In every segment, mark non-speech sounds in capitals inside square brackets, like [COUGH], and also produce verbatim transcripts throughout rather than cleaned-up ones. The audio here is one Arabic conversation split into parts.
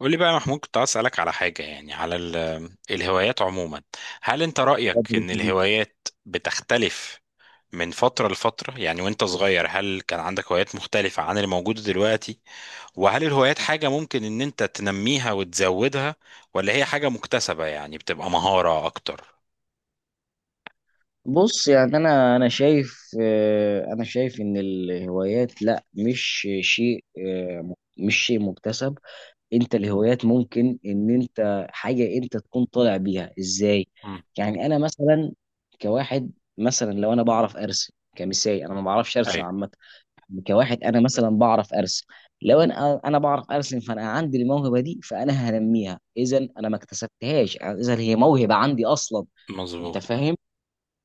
قول لي بقى يا محمود، كنت عايز اسالك على حاجه، يعني على ال- الهوايات عموما. هل انت رايك اتفضل يا ان صديقي. الهوايات بتختلف من فتره لفتره؟ يعني وانت صغير، هل كان عندك هوايات مختلفه عن اللي موجوده دلوقتي؟ وهل الهوايات حاجه ممكن ان انت تنميها وتزودها، ولا هي حاجه مكتسبه يعني بتبقى مهاره اكتر؟ بص يعني انا انا شايف، آه، انا شايف ان الهوايات، لا، مش شيء، آه، مش شيء مكتسب. انت الهوايات ممكن، ان انت حاجه انت تكون طالع بيها ازاي. امم يعني انا مثلا كواحد، مثلا لو انا بعرف ارسم كمثال، انا ما بعرفش ارسم ايوه. عامه. يعني كواحد انا مثلا بعرف ارسم، لو انا انا بعرف ارسم فانا عندي الموهبه دي، فانا هنميها اذا انا ما اكتسبتهاش، اذا هي موهبه عندي اصلا. مظبوط. انت فاهم؟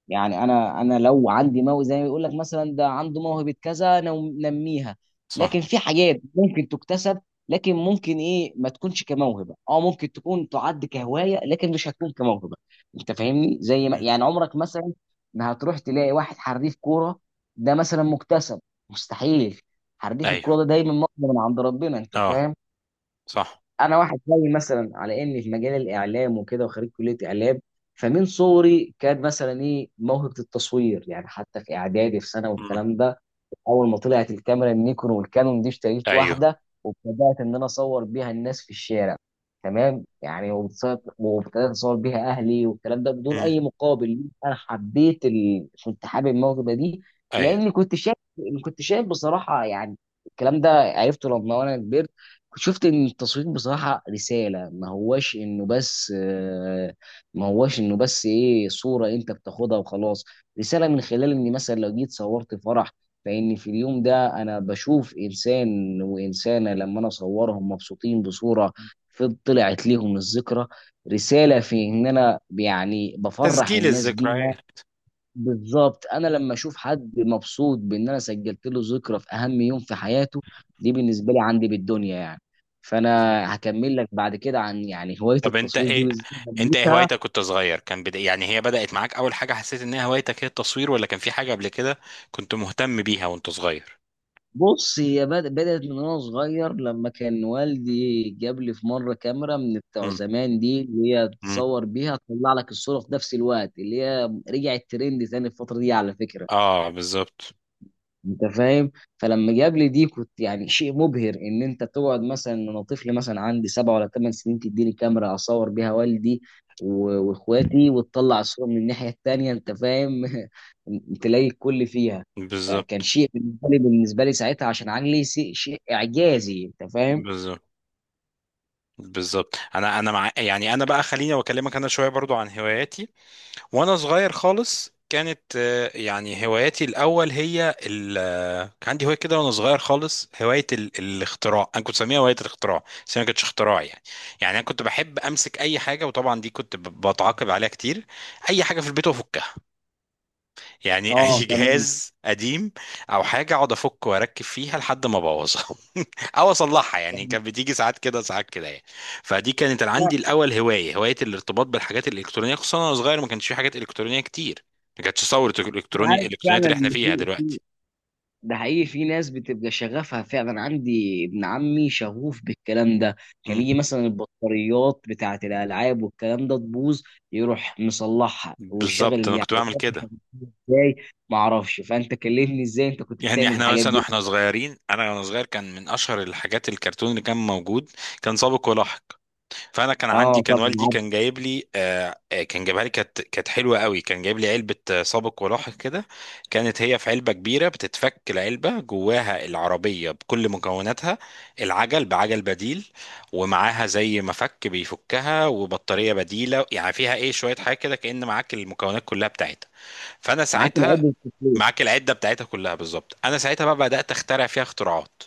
يعني انا انا لو عندي موهبه، زي ما بيقول لك مثلا ده عنده موهبه كذا، نو- نميها. صح. لكن في حاجات ممكن تكتسب، لكن ممكن ايه ما تكونش كموهبه، اه ممكن تكون تعد كهوايه لكن مش هتكون كموهبه. انت فاهمني؟ زي ما امم يعني عمرك مثلا ما هتروح تلاقي واحد حريف كوره، ده مثلا مكتسب؟ مستحيل. حريف ايوه. الكوره ده دايما مقدم من عند ربنا. انت اه. فاهم؟ صح. انا واحد زي مثلا، على اني في مجال الاعلام وكده، وخريج كليه اعلام. فمن صغري كان مثلا ايه، موهبه التصوير، يعني حتى في اعدادي في سنه امم والكلام ده. اول ما طلعت الكاميرا النيكون والكانون دي، اشتريت ايوه واحده وابتدات ان انا اصور بيها الناس في الشارع. تمام يعني، وبتص- وابتدات اصور بيها اهلي والكلام ده بدون امم اي مقابل. انا حبيت ال... كنت حابب الموهبه دي، ايوه. لاني كنت شايف كنت شايف بصراحه يعني. الكلام ده عرفته لما انا كبرت. كنت شفت ان التصوير بصراحه رساله، ما هواش انه بس آه، ما هواش انه بس ايه صوره انت بتاخدها وخلاص. رساله، من خلال اني مثلا لو جيت صورت فرح، لان في اليوم ده انا بشوف انسان وانسانه، لما انا اصورهم مبسوطين بصوره في طلعت ليهم الذكرى، رساله في ان انا يعني بفرح تسجيل الناس بيها. الذكريات. بالظبط، انا لما اشوف حد مبسوط بان انا سجلت له ذكرى في اهم يوم في حياته، دي بالنسبه لي عندي بالدنيا يعني. فانا مم. هكمل لك بعد كده عن يعني هوايه طب انت التصوير دي ايه انت ايه بالذات. هوايتك كنت صغير؟ كان بدا، يعني هي بدأت معاك اول حاجة حسيت انها هوايتك هي التصوير، ولا كان في حاجة قبل كده كنت مهتم بيها وانت صغير؟ بص، هي بد- بدأت من وانا صغير، لما كان والدي جاب لي في مره كاميرا من بتوع امم زمان دي، اللي هي امم تصور بيها تطلع لك الصوره في نفس الوقت، اللي هي رجعت ترند تاني الفتره دي على فكره. اه، بالظبط. انت فاهم؟ فلما جاب لي دي كنت يعني شيء مبهر، ان انت تقعد مثلا إن انا طفل مثلا عندي سبع ولا ثمان سنين تديني كاميرا اصور بيها والدي و- واخواتي، وتطلع الصوره من الناحيه التانيه، انت فاهم؟ [LAUGHS] تلاقي الكل فيها. فكان بالظبط. شيء بالنسبه لي بالنسبه لي ساعتها، عشان عقلي شيء شيء اعجازي، انت فاهم؟ بالظبط. بالظبط انا انا مع، يعني انا بقى خليني واكلمك انا شوية برضو عن هواياتي. وانا صغير خالص كانت آه، يعني هواياتي الاول هي ال آه، كان عندي هوايه كده وانا صغير خالص، هوايه ال... الاختراع. انا كنت بسميها هوايه الاختراع، بس هي ما كانتش اختراع يعني. يعني انا كنت بحب امسك اي حاجه، وطبعا دي كنت ب- بتعاقب عليها كتير. اي حاجه في البيت وافكها يعني [LAUGHS] اي اه، تمام. جهاز قديم او حاجه اقعد افك واركب فيها لحد ما ابوظها [LAUGHS] او اصلحها يعني. كانت بتيجي ساعات كده ساعات كده يعني. فدي كانت انا عندي الاول، هوايه هوايه الارتباط بالحاجات الالكترونيه. خصوصا وانا صغير ما كانش في حاجات الكترونيه كتير، ما كانتش ثوره أنا الالكتروني عارف الالكترونيات فعلا اللي احنا ان فيها في دلوقتي. ده حقيقي، في ناس بتبقى شغفها فعلا. عندي ابن عمي شغوف بالكلام ده، كان مم. يجي مثلا البطاريات بتاعة الألعاب والكلام ده تبوظ، يروح مصلحها ويشغل بالظبط، انا اللعبة كنت بعمل وما كده. فيش. ازاي؟ ما اعرفش، فأنت كلمني ازاي انت كنت يعني بتعمل احنا الحاجات مثلا دي. واحنا صغيرين، انا وانا صغير، كان من اشهر الحاجات الكرتون اللي كان موجود، كان سابق ولاحق. فانا كان عندي، اه، كان طبعا والدي عارف. كان جايب لي، آه آه، كان جايبها لي، كانت كانت حلوه قوي، كان جايب لي علبه آه، سابق ولاحق كده. كانت هي في علبه كبيره بتتفك العلبه جواها العربيه بكل مكوناتها، العجل بعجل بديل، ومعاها زي مفك بيفكها وبطاريه بديله يعني. فيها ايه شويه حاجه كده، كأن معاك المكونات كلها بتاعتها. فانا معاك العيب ساعتها والكفاية. معاك العده بتاعتها كلها، بالظبط. انا ساعتها بقى بدات اخترع فيها اختراعات.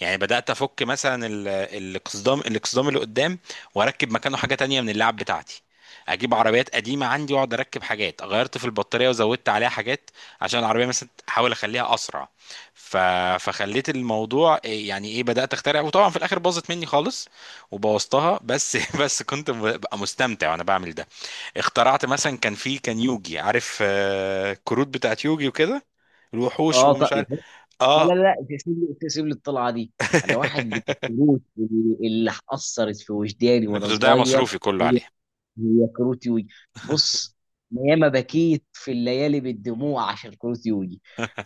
يعني بدات افك مثلا ال- الاقصدام الاقصدام اللي قدام، واركب مكانه حاجه تانية من اللعب بتاعتي. اجيب عربيات قديمه عندي واقعد اركب حاجات، غيرت في البطاريه وزودت عليها حاجات عشان العربيه مثلا احاول اخليها اسرع. ف... فخليت الموضوع إيه يعني ايه، بدات اخترع، وطبعا في الاخر باظت مني خالص وبوظتها بس [LAUGHS] بس كنت ببقى مستمتع وانا بعمل ده. اخترعت مثلا، كان في، كان يوجي عارف، آه، الكروت بتاعت يوجي وكده، الوحوش اه، طب. ومش عارف. لا، لا، اه لا، تسيب لي تسيب لي الطلعة دي. أنا واحد من [LAUGHS] الكروت اللي اللي أثرت في وجداني انا وأنا كنت بضيع صغير. مصروفي كله عليها. هي كروتي وي. بص، أنا ياما بكيت في الليالي بالدموع عشان كروتي وي.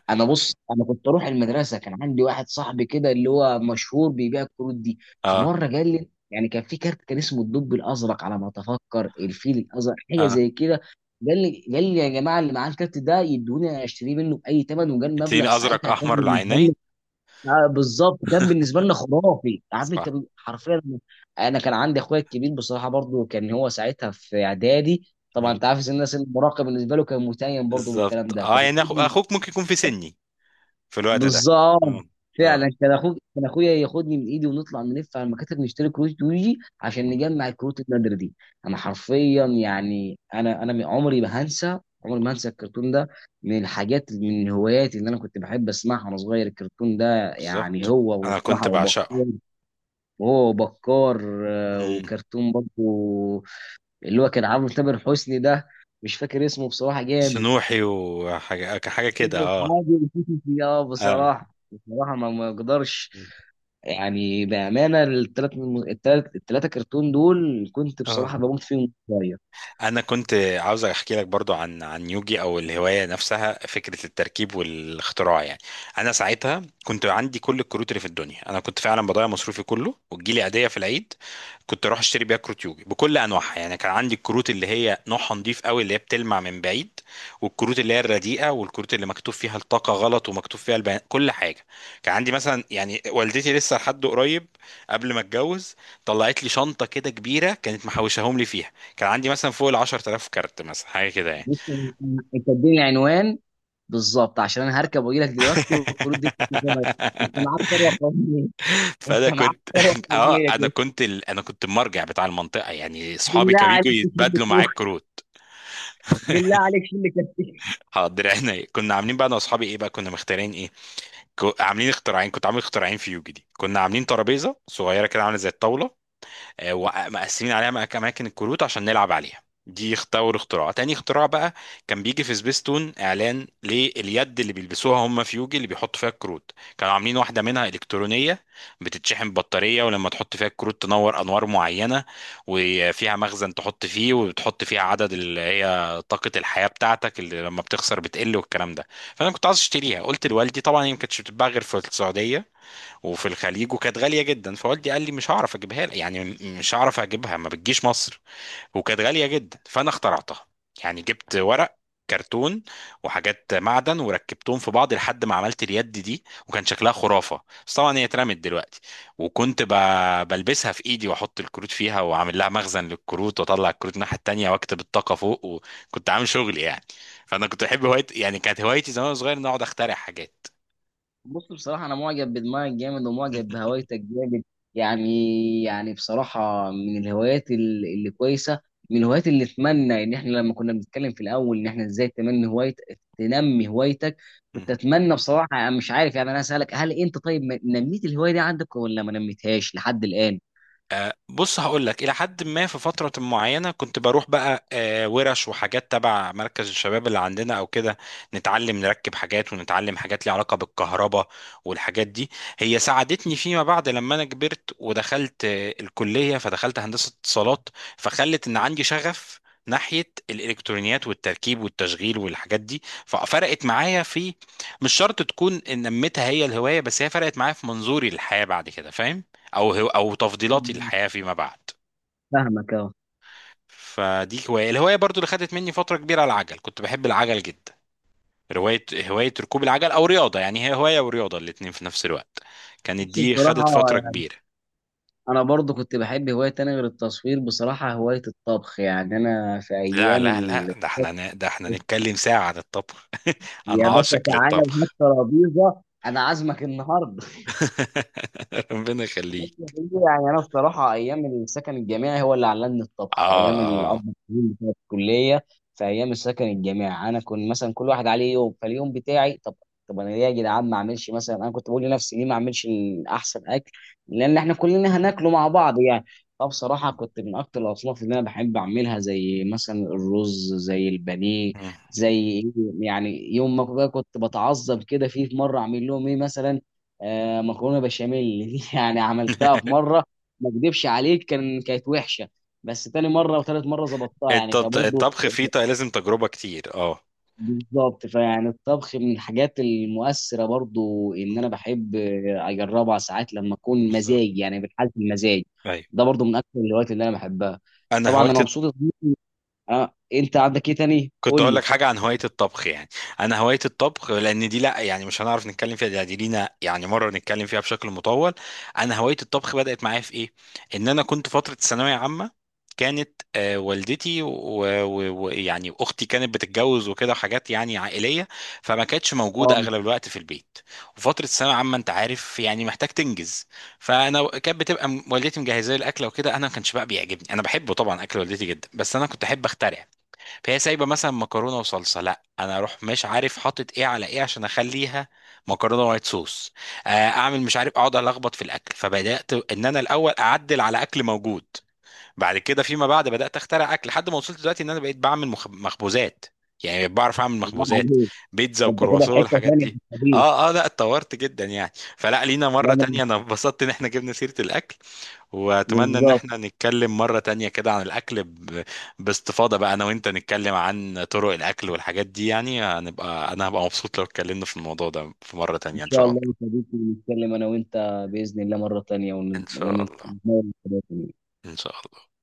انا، بص، انا كنت اروح المدرسه، كان عندي واحد صاحبي كده اللي هو مشهور بيبيع الكروت دي. في اه. مره قال لي يعني، كان في كارت كان اسمه الدب الازرق، على ما اتفكر الفيل الازرق، حاجه اه. زي كده. قال لي قال لي يا جماعه، اللي معاه الكارت ده يدوني اشتريه منه باي ثمن، وقال اتنين مبلغ ازرق ساعتها كان احمر بالنسبه، العينين. آه، بالظبط، كان بالنسبه لنا خرافي، عارف انت، صح. ب- حرفيا. انا كان عندي اخويا الكبير بصراحه، برضو كان هو ساعتها في اعدادي. طبعا مم. انت عارف ان الناس المراهقه بالنسبه له، كان متيم برضو بالظبط. بالكلام ده اه كان. يعني أخو... اخوك ممكن يكون في سني في الوقت ده. بالظبط. اه. اه. فعلا، كان اخوك، كان اخويا ياخدني من ايدي، ونطلع نلف على المكاتب نشتري كروت يوجي عشان مم. نجمع الكروت النادره دي. انا حرفيا يعني، انا انا من- عمري ما هنسى عمري ما هنسى الكرتون ده. من الحاجات من الهوايات اللي انا كنت بحب اسمعها وانا صغير، الكرتون ده. يعني بالظبط، هو، انا واسمعها كنت بعشقه. وبكار، وهو وبكار آه، مم. وكرتون برضه، اللي هو كان عامل تامر حسني ده، مش فاكر اسمه بصراحه، جامد. سنوحي وحاجه حاجه كده، [LAUGHS] اه. عادل. اه، اه. بصراحه بصراحه ما ما اقدرش، يعني بامانه الثلاث الثلاث الثلاثه كرتون دول كنت اه. بصراحه بموت فيهم شويه. انا كنت عاوز احكي لك برضو عن عن يوجي، او الهوايه نفسها، فكره التركيب والاختراع يعني. انا ساعتها كنت عندي كل الكروت اللي في الدنيا. انا كنت فعلا بضيع مصروفي كله، وتجيلي عيديه في العيد كنت اروح اشتري بيها كروت يوجي بكل انواعها. يعني كان عندي الكروت اللي هي نوعها نضيف قوي اللي هي بتلمع من بعيد، والكروت اللي هي الرديئه، والكروت اللي مكتوب فيها الطاقه غلط ومكتوب فيها البيان كل حاجه. كان عندي مثلا، يعني والدتي لسه لحد قريب قبل ما اتجوز طلعت لي شنطه كده كبيره كانت محوشاهم لي فيها. كان عندي مثلا فوق ال عشرة آلاف كارت مثلا، حاجه كده يعني بص، انت أنت اديني عنوان بالظبط، عشان انا هركب واجي لك دلوقتي. والكروت دي [LAUGHS] بتبقى شبه- انت معاك ثروه قوميه انت فانا معاك كنت ثروه [LAUGHS] اه، قوميه انا كده. كنت ال... انا كنت المرجع بتاع المنطقه يعني. اصحابي بالله كانوا عليك، بيجوا شيل لي يتبادلوا معايا فلوس. الكروت. بالله عليك، شيل لي كده. حاضر عينيا. كنا عاملين بقى انا واصحابي ايه بقى، كنا مختارين ايه، ك... عاملين اختراعين. كنت عامل اختراعين في يوجي دي. كنا عاملين ترابيزه صغيره كده عامله زي الطاوله، آه، ومقسمين عليها مك- اماكن الكروت عشان نلعب عليها. دي اختار اختراع، تاني اختراع بقى كان بيجي في سبيستون اعلان لليد اللي بيلبسوها هم في يوجي اللي بيحطوا فيها الكروت. كانوا عاملين واحده منها الكترونيه بتتشحن ببطاريه، ولما تحط فيها الكروت تنور انوار معينه، وفيها مخزن تحط فيه، وتحط فيها عدد اللي هي طاقه الحياه بتاعتك اللي لما بتخسر بتقل والكلام ده. فانا كنت عايز اشتريها، قلت لوالدي. طبعا هي ما كانتش بتتباع غير في السعوديه وفي الخليج، وكانت غاليه جدا. فوالدي قال لي مش هعرف اجيبها لك، يعني م- مش هعرف اجيبها، ما بتجيش مصر، وكانت غاليه جدا. فانا اخترعتها. يعني جبت ورق، كرتون، وحاجات معدن، وركبتهم في بعض لحد ما عملت اليد دي، وكان شكلها خرافه. بس طبعا هي اترمت دلوقتي. وكنت ب- بلبسها في ايدي، واحط الكروت فيها، واعمل لها مخزن للكروت، واطلع الكروت الناحيه التانيه، واكتب الطاقه فوق، وكنت عامل شغل يعني. فانا كنت بحب هوايتي يعني. كانت هوايتي زمان وانا صغير ان أنا اقعد اخترع حاجات. بص، بصراحة أنا معجب بدماغك جامد، ومعجب بهوايتك جامد. يعني يعني بصراحة، من الهوايات ال- اللي كويسة، من الهوايات اللي أتمنى، إن إحنا لما كنا بنتكلم في الأول إن إحنا إزاي تنمي هوايتك تنمي هوايتك. كنت أتمنى بصراحة، أنا مش عارف يعني. أنا أسألك، هل أنت، طيب، م- نميت الهواية دي عندك، ولا ما نميتهاش لحد الآن؟ آه، بص هقول لك، الى حد ما في فتره معينه كنت بروح بقى آه، ورش وحاجات تبع مركز الشباب اللي عندنا او كده، نتعلم نركب حاجات ونتعلم حاجات ليها علاقه بالكهرباء والحاجات دي. هي ساعدتني فيما بعد لما انا كبرت ودخلت آه، الكليه، فدخلت هندسه اتصالات. فخلت ان عندي شغف ناحية الإلكترونيات والتركيب والتشغيل والحاجات دي. ففرقت معايا في، مش شرط تكون إن نميتها هي الهواية، بس هي فرقت معايا في منظوري للحياة بعد كده فاهم؟ او هو او تفضيلاتي مم. للحياه فيما بعد. فاهمك، أه. فدي هوايه، الهوايه برضو اللي خدت مني فتره كبيره العجل، كنت بحب العجل جدا. روايه، هوايه ركوب العجل او رياضه. يعني هي هوايه ورياضه الاتنين في نفس الوقت. كانت بص، دي خدت بصراحة فتره كبيره. انا برضو كنت بحب هواية تانية غير التصوير، بصراحة هواية الطبخ. يعني انا في لا ايام لا ال... لا ده احنا ن- ده احنا نتكلم ساعه عن الطبخ [LAUGHS] انا يا عاشق باشا، تعالى وهات للطبخ ترابيزه. انا عازمك النهارده. [LAUGHS] ربنا يخليك. يعني انا الصراحه، ايام السكن الجامعي هو اللي علمني الطبخ، اه. ايام اه. الاربع سنين بتوع الكليه. في ايام السكن الجامعي انا كنت مثلا، كل واحد عليه يوم، فاليوم بتاعي طب. طب انا ليه يا جدعان ما اعملش مثلا، انا كنت بقول لنفسي ليه ما اعملش احسن اكل؟ لان احنا كلنا هناكله مع بعض يعني. فبصراحه، كنت من اكتر الاصناف اللي انا بحب اعملها، زي مثلا الرز، زي البانيه، مم. زي يعني يوم ما كنت بتعذب كده فيه، في مره اعمل لهم ايه مثلا؟ آه مكرونه بشاميل. [LAUGHS] دي يعني عملتها في [LAUGHS] مره، ما اكدبش عليك، كان كانت وحشه. بس تاني مره وتالت مره ظبطتها، يعني الت- فبرضه. الطبخ فيه ط- لازم تجربه كتير، اه. بالظبط. فيعني الطبخ من الحاجات المؤثره برضه، ان مم. انا بحب آه، اجربها ساعات لما اكون مزاج، بالظبط. يعني بالحالة المزاج. ايوه. ده برضه من اكثر الهوايات اللي انا بحبها. انا طبعا انا هوايتي، مبسوط يا صديقي. آه، انت عندك ايه تاني، كنت قول اقول لك لي. حاجه عن هوايه الطبخ يعني. انا هوايه الطبخ، لان دي، لا يعني مش هنعرف نتكلم فيها، دي دي لينا يعني مره نتكلم فيها بشكل مطول. انا هوايه الطبخ بدات معايا في ايه، ان انا كنت فتره ثانويه عامه. كانت آه، والدتي ويعني و... و... ويعني اختي كانت بتتجوز وكده، وحاجات يعني عائليه، فما كانتش موجوده اه. اغلب الوقت في البيت. وفتره ثانويه عامه انت عارف يعني محتاج تنجز. فانا كانت بتبقى م- والدتي مجهزه لي الاكله وكده. انا ما كانش بقى بيعجبني، انا بحبه طبعا اكل والدتي جدا، بس انا كنت احب اخترع. فهي سايبه مثلا مكرونه وصلصه، لا انا اروح مش عارف حاطط ايه على ايه عشان اخليها مكرونه وايت صوص، آه، اعمل مش عارف اقعد الخبط في الاكل. فبدات ان انا الاول اعدل على اكل موجود، بعد كده فيما بعد بدات اخترع اكل، لحد ما وصلت دلوقتي ان انا بقيت بعمل مخ- مخبوزات. يعني بقيت بعرف اعمل الله مخبوزات، عليك! بيتزا ده انت كده في وكرواسون حته والحاجات ثانيه في دي. الحديث. اه اه، لا اتطورت جدا يعني. فلا، لينا لا، مره أنا- تانية، انا اتبسطت ان احنا جبنا سيره الاكل، واتمنى ان بالظبط. احنا نتكلم مرة تانية كده عن الاكل ب... باستفاضة بقى، انا وانت نتكلم عن طرق الاكل والحاجات دي يعني. هنبقى، انا هبقى مبسوط لو اتكلمنا في الموضوع ده في مرة إن تانية ان شاء شاء الله الله. يا صديقي، نتكلم أنا وأنت بإذن الله مرة تانية، ان ون- شاء الله. ونتناول الحاجات دي. ان شاء الله.